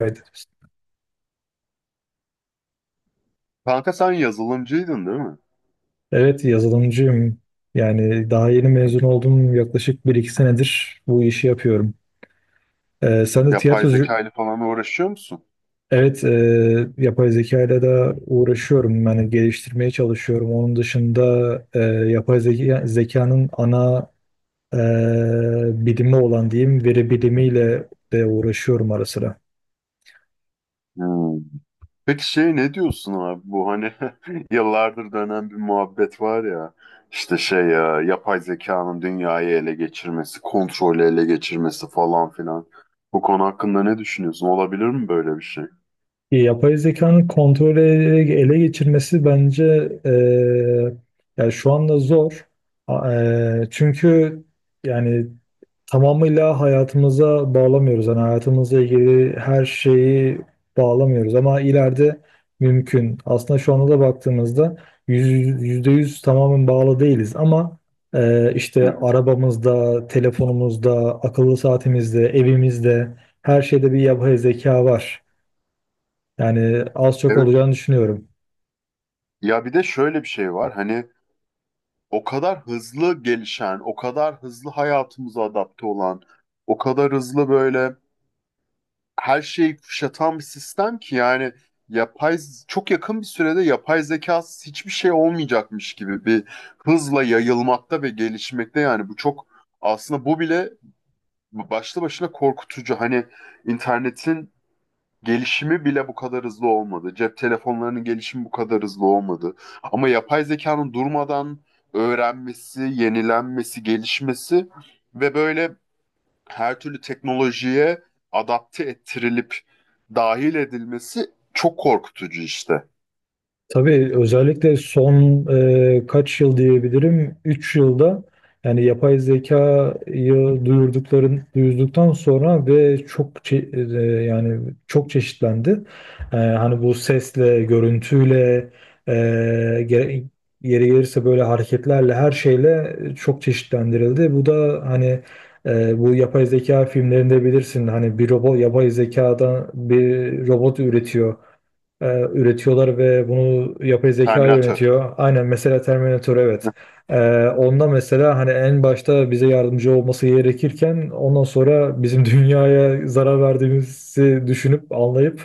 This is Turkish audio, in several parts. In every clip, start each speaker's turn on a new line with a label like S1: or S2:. S1: Evet.
S2: Kanka sen yazılımcıydın değil mi?
S1: Evet, yazılımcıyım. Yani daha yeni mezun oldum. Yaklaşık bir iki senedir bu işi yapıyorum. Sen de
S2: Yapay
S1: tiyatrocu...
S2: zeka ile falan uğraşıyor musun?
S1: Evet, yapay zeka ile de uğraşıyorum. Yani geliştirmeye çalışıyorum. Onun dışında e, yapay zeka, zekanın ana e, bilimi olan diyeyim, veri bilimiyle de uğraşıyorum ara sıra.
S2: Hmm. Peki ne diyorsun abi bu hani yıllardır dönen bir muhabbet var ya işte yapay zekanın dünyayı ele geçirmesi, kontrolü ele geçirmesi falan filan. Bu konu hakkında ne düşünüyorsun? Olabilir mi böyle bir şey?
S1: Yapay zekanın kontrolü ele geçirmesi bence eee yani şu anda zor. Çünkü yani tamamıyla hayatımıza bağlamıyoruz. Yani hayatımızla ilgili her şeyi bağlamıyoruz ama ileride mümkün. Aslında şu anda da baktığımızda yüzde yüz tamamen bağlı değiliz ama
S2: Hı
S1: işte
S2: hı.
S1: arabamızda, telefonumuzda, akıllı saatimizde, evimizde her şeyde bir yapay zeka var. Yani az çok
S2: Evet.
S1: olacağını düşünüyorum.
S2: Ya bir de şöyle bir şey var. Hani o kadar hızlı gelişen, o kadar hızlı hayatımıza adapte olan, o kadar hızlı böyle her şeyi kuşatan bir sistem ki yani yapay çok yakın bir sürede yapay zekasız hiçbir şey olmayacakmış gibi bir hızla yayılmakta ve gelişmekte. Yani bu çok, aslında bu bile başlı başına korkutucu. Hani internetin gelişimi bile bu kadar hızlı olmadı. Cep telefonlarının gelişimi bu kadar hızlı olmadı. Ama yapay zekanın durmadan öğrenmesi, yenilenmesi, gelişmesi ve böyle her türlü teknolojiye adapte ettirilip dahil edilmesi çok korkutucu işte.
S1: Tabii özellikle son kaç yıl diyebilirim, 3 yılda yani yapay zekayı duyurduktan sonra ve e, yani çok çeşitlendi. Hani bu sesle, görüntüyle, e, gere- yeri gelirse böyle hareketlerle her şeyle çok çeşitlendirildi. Bu da hani bu yapay zeka filmlerinde bilirsin, hani bir robot yapay zekadan bir robot e, üretiyorlar ve bunu yapay zeka
S2: Terminator.
S1: yönetiyor. Aynen, mesela Terminator, evet. E, Onda mesela hani en başta bize yardımcı olması gerekirken ondan sonra bizim dünyaya zarar verdiğimizi düşünüp anlayıp,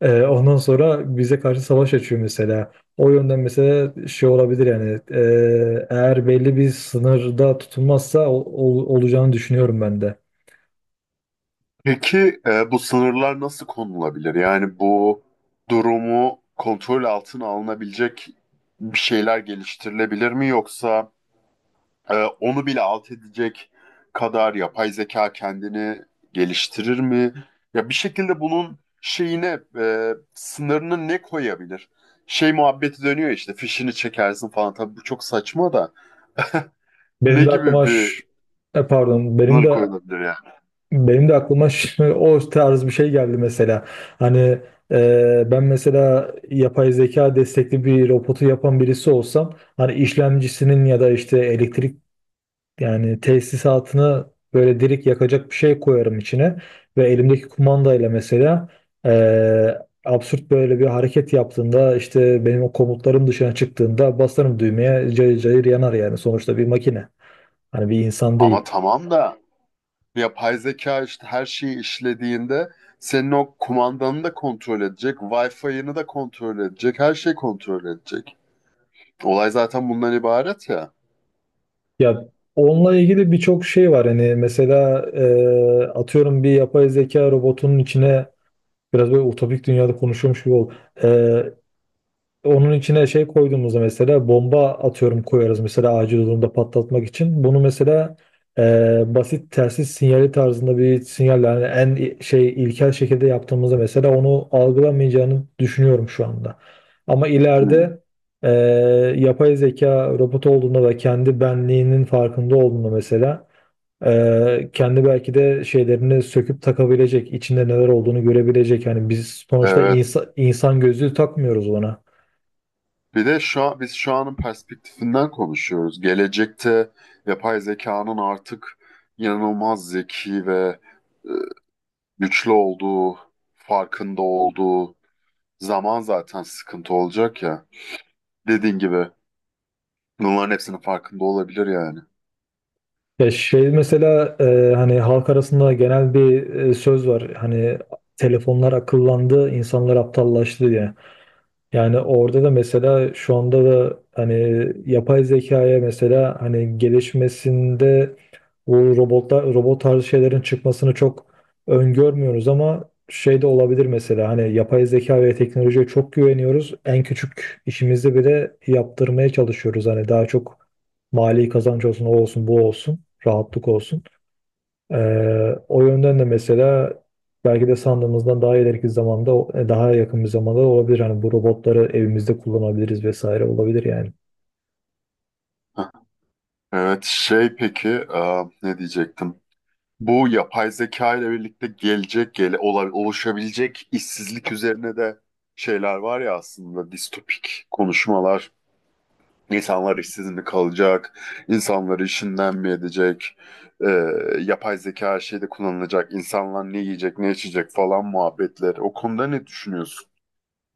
S1: ondan sonra bize karşı savaş açıyor mesela. O yönden mesela şey olabilir yani, eğer belli bir sınırda tutulmazsa olacağını düşünüyorum ben de.
S2: Peki bu sınırlar nasıl konulabilir? Yani bu durumu kontrol altına alınabilecek bir şeyler geliştirilebilir mi, yoksa Ee, onu bile alt edecek kadar yapay zeka kendini geliştirir mi? Ya bir şekilde bunun sınırını ne koyabilir? Şey muhabbeti dönüyor işte, fişini çekersin falan. Tabii bu çok saçma da ne
S1: Benim de
S2: gibi
S1: aklıma
S2: bir
S1: ş- benim
S2: sınır
S1: de
S2: koyulabilir ya?
S1: O tarz bir şey geldi mesela. Hani ben mesela yapay zeka destekli bir robotu yapan birisi olsam, hani işlemcisinin ya da işte elektrik yani tesisatını böyle direkt yakacak bir şey koyarım içine ve elimdeki kumandayla mesela eee, absürt böyle bir hareket yaptığında, işte benim o komutlarım dışına çıktığında basarım düğmeye, cayır cayır yanar. Yani sonuçta bir makine. Hani bir insan
S2: Ama
S1: değil.
S2: tamam da yapay zeka işte her şeyi işlediğinde senin o kumandanı da kontrol edecek, Wi-Fi'ını da kontrol edecek, her şeyi kontrol edecek. Olay zaten bundan ibaret ya.
S1: Ya, onunla ilgili birçok şey var. Hani mesela, atıyorum, bir yapay zeka robotunun içine, biraz böyle utopik dünyada konuşuyormuş gibi ol, Ee, onun içine şey koyduğumuzda mesela bomba, atıyorum, koyarız mesela acil durumda patlatmak için. Bunu mesela basit telsiz sinyali tarzında bir sinyal, yani en i- şey ilkel şekilde yaptığımızda mesela onu algılamayacağını düşünüyorum şu anda. Ama
S2: Hmm.
S1: ileride, e, yapay zeka robot olduğunda ve kendi benliğinin farkında olduğunda mesela kendi belki de şeylerini söküp takabilecek, içinde neler olduğunu görebilecek. Yani biz sonuçta
S2: Evet.
S1: insan gözlüğü takmıyoruz ona.
S2: Bir de şu an, biz şu anın perspektifinden konuşuyoruz. Gelecekte yapay zekanın artık inanılmaz zeki ve e, güçlü olduğu, farkında olduğu zaman zaten sıkıntı olacak ya. Dediğin gibi bunların hepsinin farkında olabilir yani.
S1: Ya şey mesela, hani halk arasında genel bir söz var. Hani telefonlar akıllandı, insanlar aptallaştı diye. Yani orada da mesela, şu anda da hani yapay zekaya mesela hani gelişmesinde bu robot tarzı şeylerin çıkmasını çok öngörmüyoruz ama şey de olabilir mesela. Hani yapay zeka ve teknolojiye çok güveniyoruz. En küçük işimizi bile yaptırmaya çalışıyoruz. Hani daha çok mali kazanç olsun, o olsun, bu olsun, rahatlık olsun. O yönden de mesela belki de sandığımızdan daha ileriki zamanda, daha yakın bir zamanda olabilir. Hani bu robotları evimizde kullanabiliriz vesaire, olabilir yani.
S2: Evet, şey peki ne diyecektim? Bu yapay zeka ile birlikte oluşabilecek işsizlik üzerine de şeyler var ya, aslında distopik konuşmalar. İnsanlar işsiz mi kalacak? İnsanları işinden mi edecek? Ee, Yapay zeka her şeyde kullanılacak. İnsanlar ne yiyecek, ne içecek falan muhabbetleri. O konuda ne düşünüyorsun?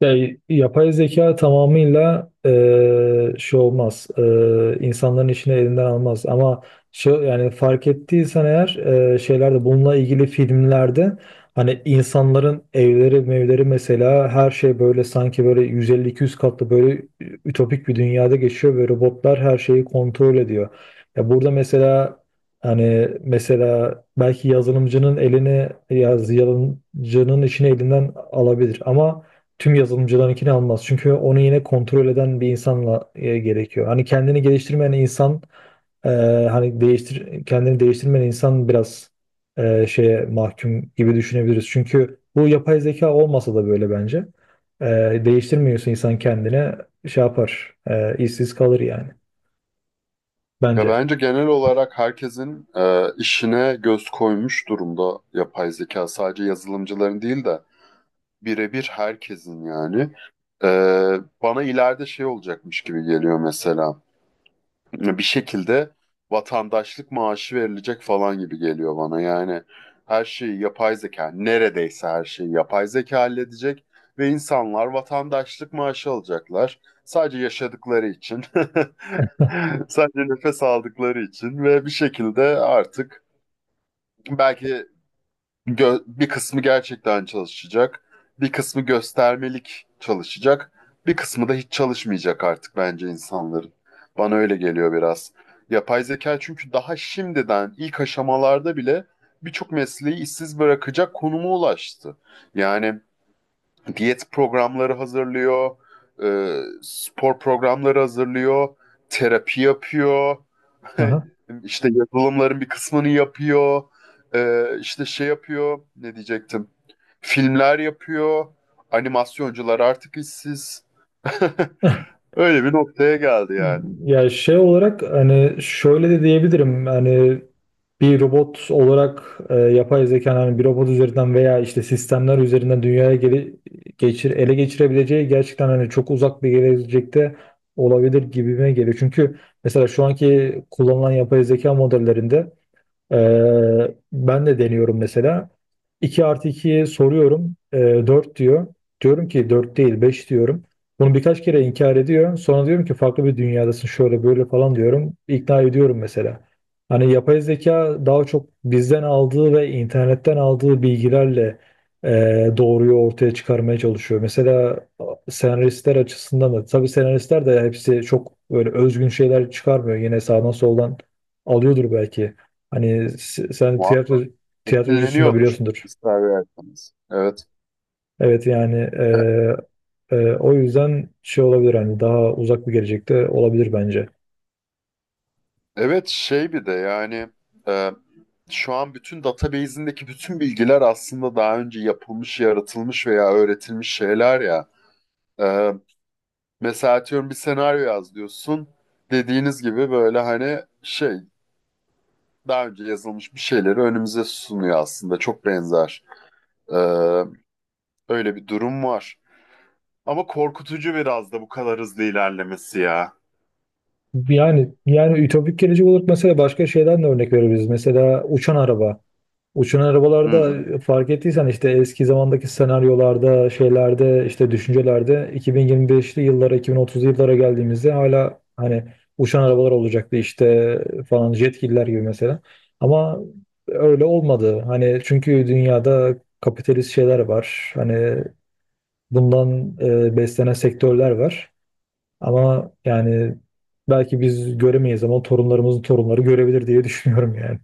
S1: Ya, yapay zeka tamamıyla şey olmaz. İnsanların işini elinden almaz. Ama şu, yani fark ettiysen eğer şeylerde, bununla ilgili filmlerde hani insanların evleri mevleri mesela, her şey böyle, sanki böyle 150 200 katlı böyle ütopik bir dünyada geçiyor ve robotlar her şeyi kontrol ediyor. Ya burada mesela hani mesela belki yazılımcının elini yaz yazılımcının işini elinden alabilir ama tüm yazılımcılarınkini almaz. Çünkü onu yine kontrol eden bir insanla, gerekiyor. Hani kendini geliştirmeyen insan, e, hani değiştir kendini değiştirmeyen insan biraz şeye mahkum gibi düşünebiliriz. Çünkü bu yapay zeka olmasa da böyle bence. E, Değiştirmiyorsa insan kendine, şey yapar. İşsiz kalır yani.
S2: Ya
S1: Bence.
S2: bence genel olarak herkesin işine göz koymuş durumda yapay zeka. Sadece yazılımcıların değil de birebir herkesin yani. Bana ileride şey olacakmış gibi geliyor mesela. Bir şekilde vatandaşlık maaşı verilecek falan gibi geliyor bana. Yani her şeyi yapay zeka, neredeyse her şeyi yapay zeka halledecek ve insanlar vatandaşlık maaşı alacaklar. Sadece yaşadıkları için, sadece nefes aldıkları için ve bir şekilde artık belki bir kısmı gerçekten çalışacak, bir kısmı göstermelik çalışacak, bir kısmı da hiç çalışmayacak artık bence insanların. Bana öyle geliyor biraz. Yapay zeka çünkü daha şimdiden ilk aşamalarda bile birçok mesleği işsiz bırakacak konuma ulaştı. Yani diyet programları hazırlıyor, spor programları hazırlıyor, terapi yapıyor.
S1: Aha.
S2: İşte yazılımların bir kısmını yapıyor. İşte şey yapıyor. Ne diyecektim? Filmler yapıyor. Animasyoncular artık işsiz. Öyle bir noktaya geldi yani.
S1: Ya şey olarak hani şöyle de diyebilirim, hani bir robot olarak, yapay zeka hani bir robot üzerinden veya işte sistemler üzerinden dünyaya ele geçirebileceği gerçekten hani çok uzak bir gelecekte olabilir gibime geliyor. Çünkü mesela şu anki kullanılan yapay zeka modellerinde ben de deniyorum mesela. 2 artı 2'ye soruyorum. 4 diyor. Diyorum ki 4 değil 5 diyorum. Bunu birkaç kere inkar ediyor. Sonra diyorum ki farklı bir dünyadasın, şöyle böyle falan diyorum. İkna ediyorum mesela. Hani yapay zeka daha çok bizden aldığı ve internetten aldığı bilgilerle e, doğruyu ortaya çıkarmaya çalışıyor. Mesela senaristler açısından da, tabii senaristler de hepsi çok böyle özgün şeyler çıkarmıyor. Yine sağdan soldan alıyordur belki. Sen
S2: Muhakkak.
S1: tiyatrocusun da,
S2: Etkileniyordur.
S1: biliyorsundur.
S2: İster verseniz. Evet.
S1: Evet yani, o yüzden şey olabilir, hani daha uzak bir gelecekte olabilir bence.
S2: Evet, bir de yani e, şu an bütün database'indeki bütün bilgiler aslında daha önce yapılmış, yaratılmış veya öğretilmiş şeyler ya. E, Mesela atıyorum bir senaryo yaz diyorsun. Dediğiniz gibi böyle daha önce yazılmış bir şeyleri önümüze sunuyor aslında. Çok benzer. Ee, Öyle bir durum var. Ama korkutucu biraz da bu kadar hızlı ilerlemesi ya.
S1: Yani, yani ütopik gelecek olarak mesela başka şeyden de örnek verebiliriz. Mesela uçan araba. Uçan
S2: Hı
S1: arabalarda
S2: hı.
S1: fark ettiysen, işte eski zamandaki senaryolarda, şeylerde, işte düşüncelerde 2025'li yıllara, 2030'lu yıllara geldiğimizde hala hani uçan arabalar olacaktı işte, falan, jetgiller gibi mesela. Ama öyle olmadı. Hani çünkü dünyada kapitalist şeyler var. Hani bundan beslenen sektörler var. Ama yani belki biz göremeyiz ama torunlarımızın torunları görebilir diye düşünüyorum yani.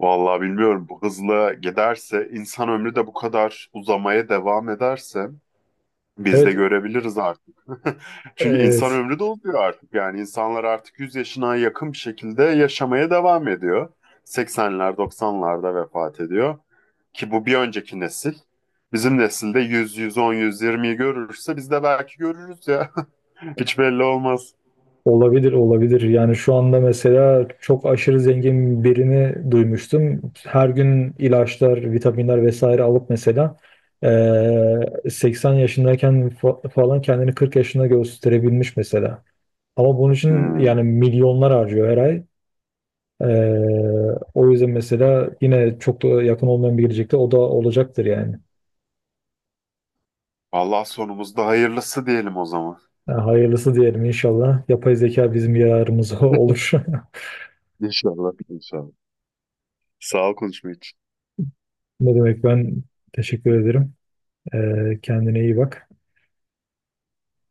S2: Vallahi bilmiyorum, bu hızla giderse, insan ömrü de bu kadar uzamaya devam ederse biz de
S1: Evet,
S2: görebiliriz artık. Çünkü insan
S1: evet.
S2: ömrü doluyor artık. Yani insanlar artık 100 yaşına yakın bir şekilde yaşamaya devam ediyor. Seksenler, doksanlarda vefat ediyor. Ki bu bir önceki nesil. Bizim nesilde yüz, 110, yüz 120'yi görürse biz de belki görürüz ya. Hiç belli olmaz.
S1: Olabilir, olabilir. Yani şu anda mesela çok aşırı zengin birini duymuştum. Her gün ilaçlar, vitaminler vesaire alıp mesela 80 yaşındayken falan kendini 40 yaşında gösterebilmiş mesela. Ama bunun için yani
S2: Hmm.
S1: milyonlar harcıyor her ay. O yüzden mesela yine çok da yakın olmayan bir gelecekte o da olacaktır yani.
S2: Allah sonumuzda hayırlısı diyelim o zaman.
S1: Yani hayırlısı diyelim inşallah. Yapay zeka bizim yararımıza olur.
S2: İnşallah, inşallah. Sağ ol konuşma için.
S1: Ne demek, ben teşekkür ederim. Kendine iyi bak.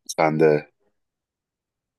S2: Sen de.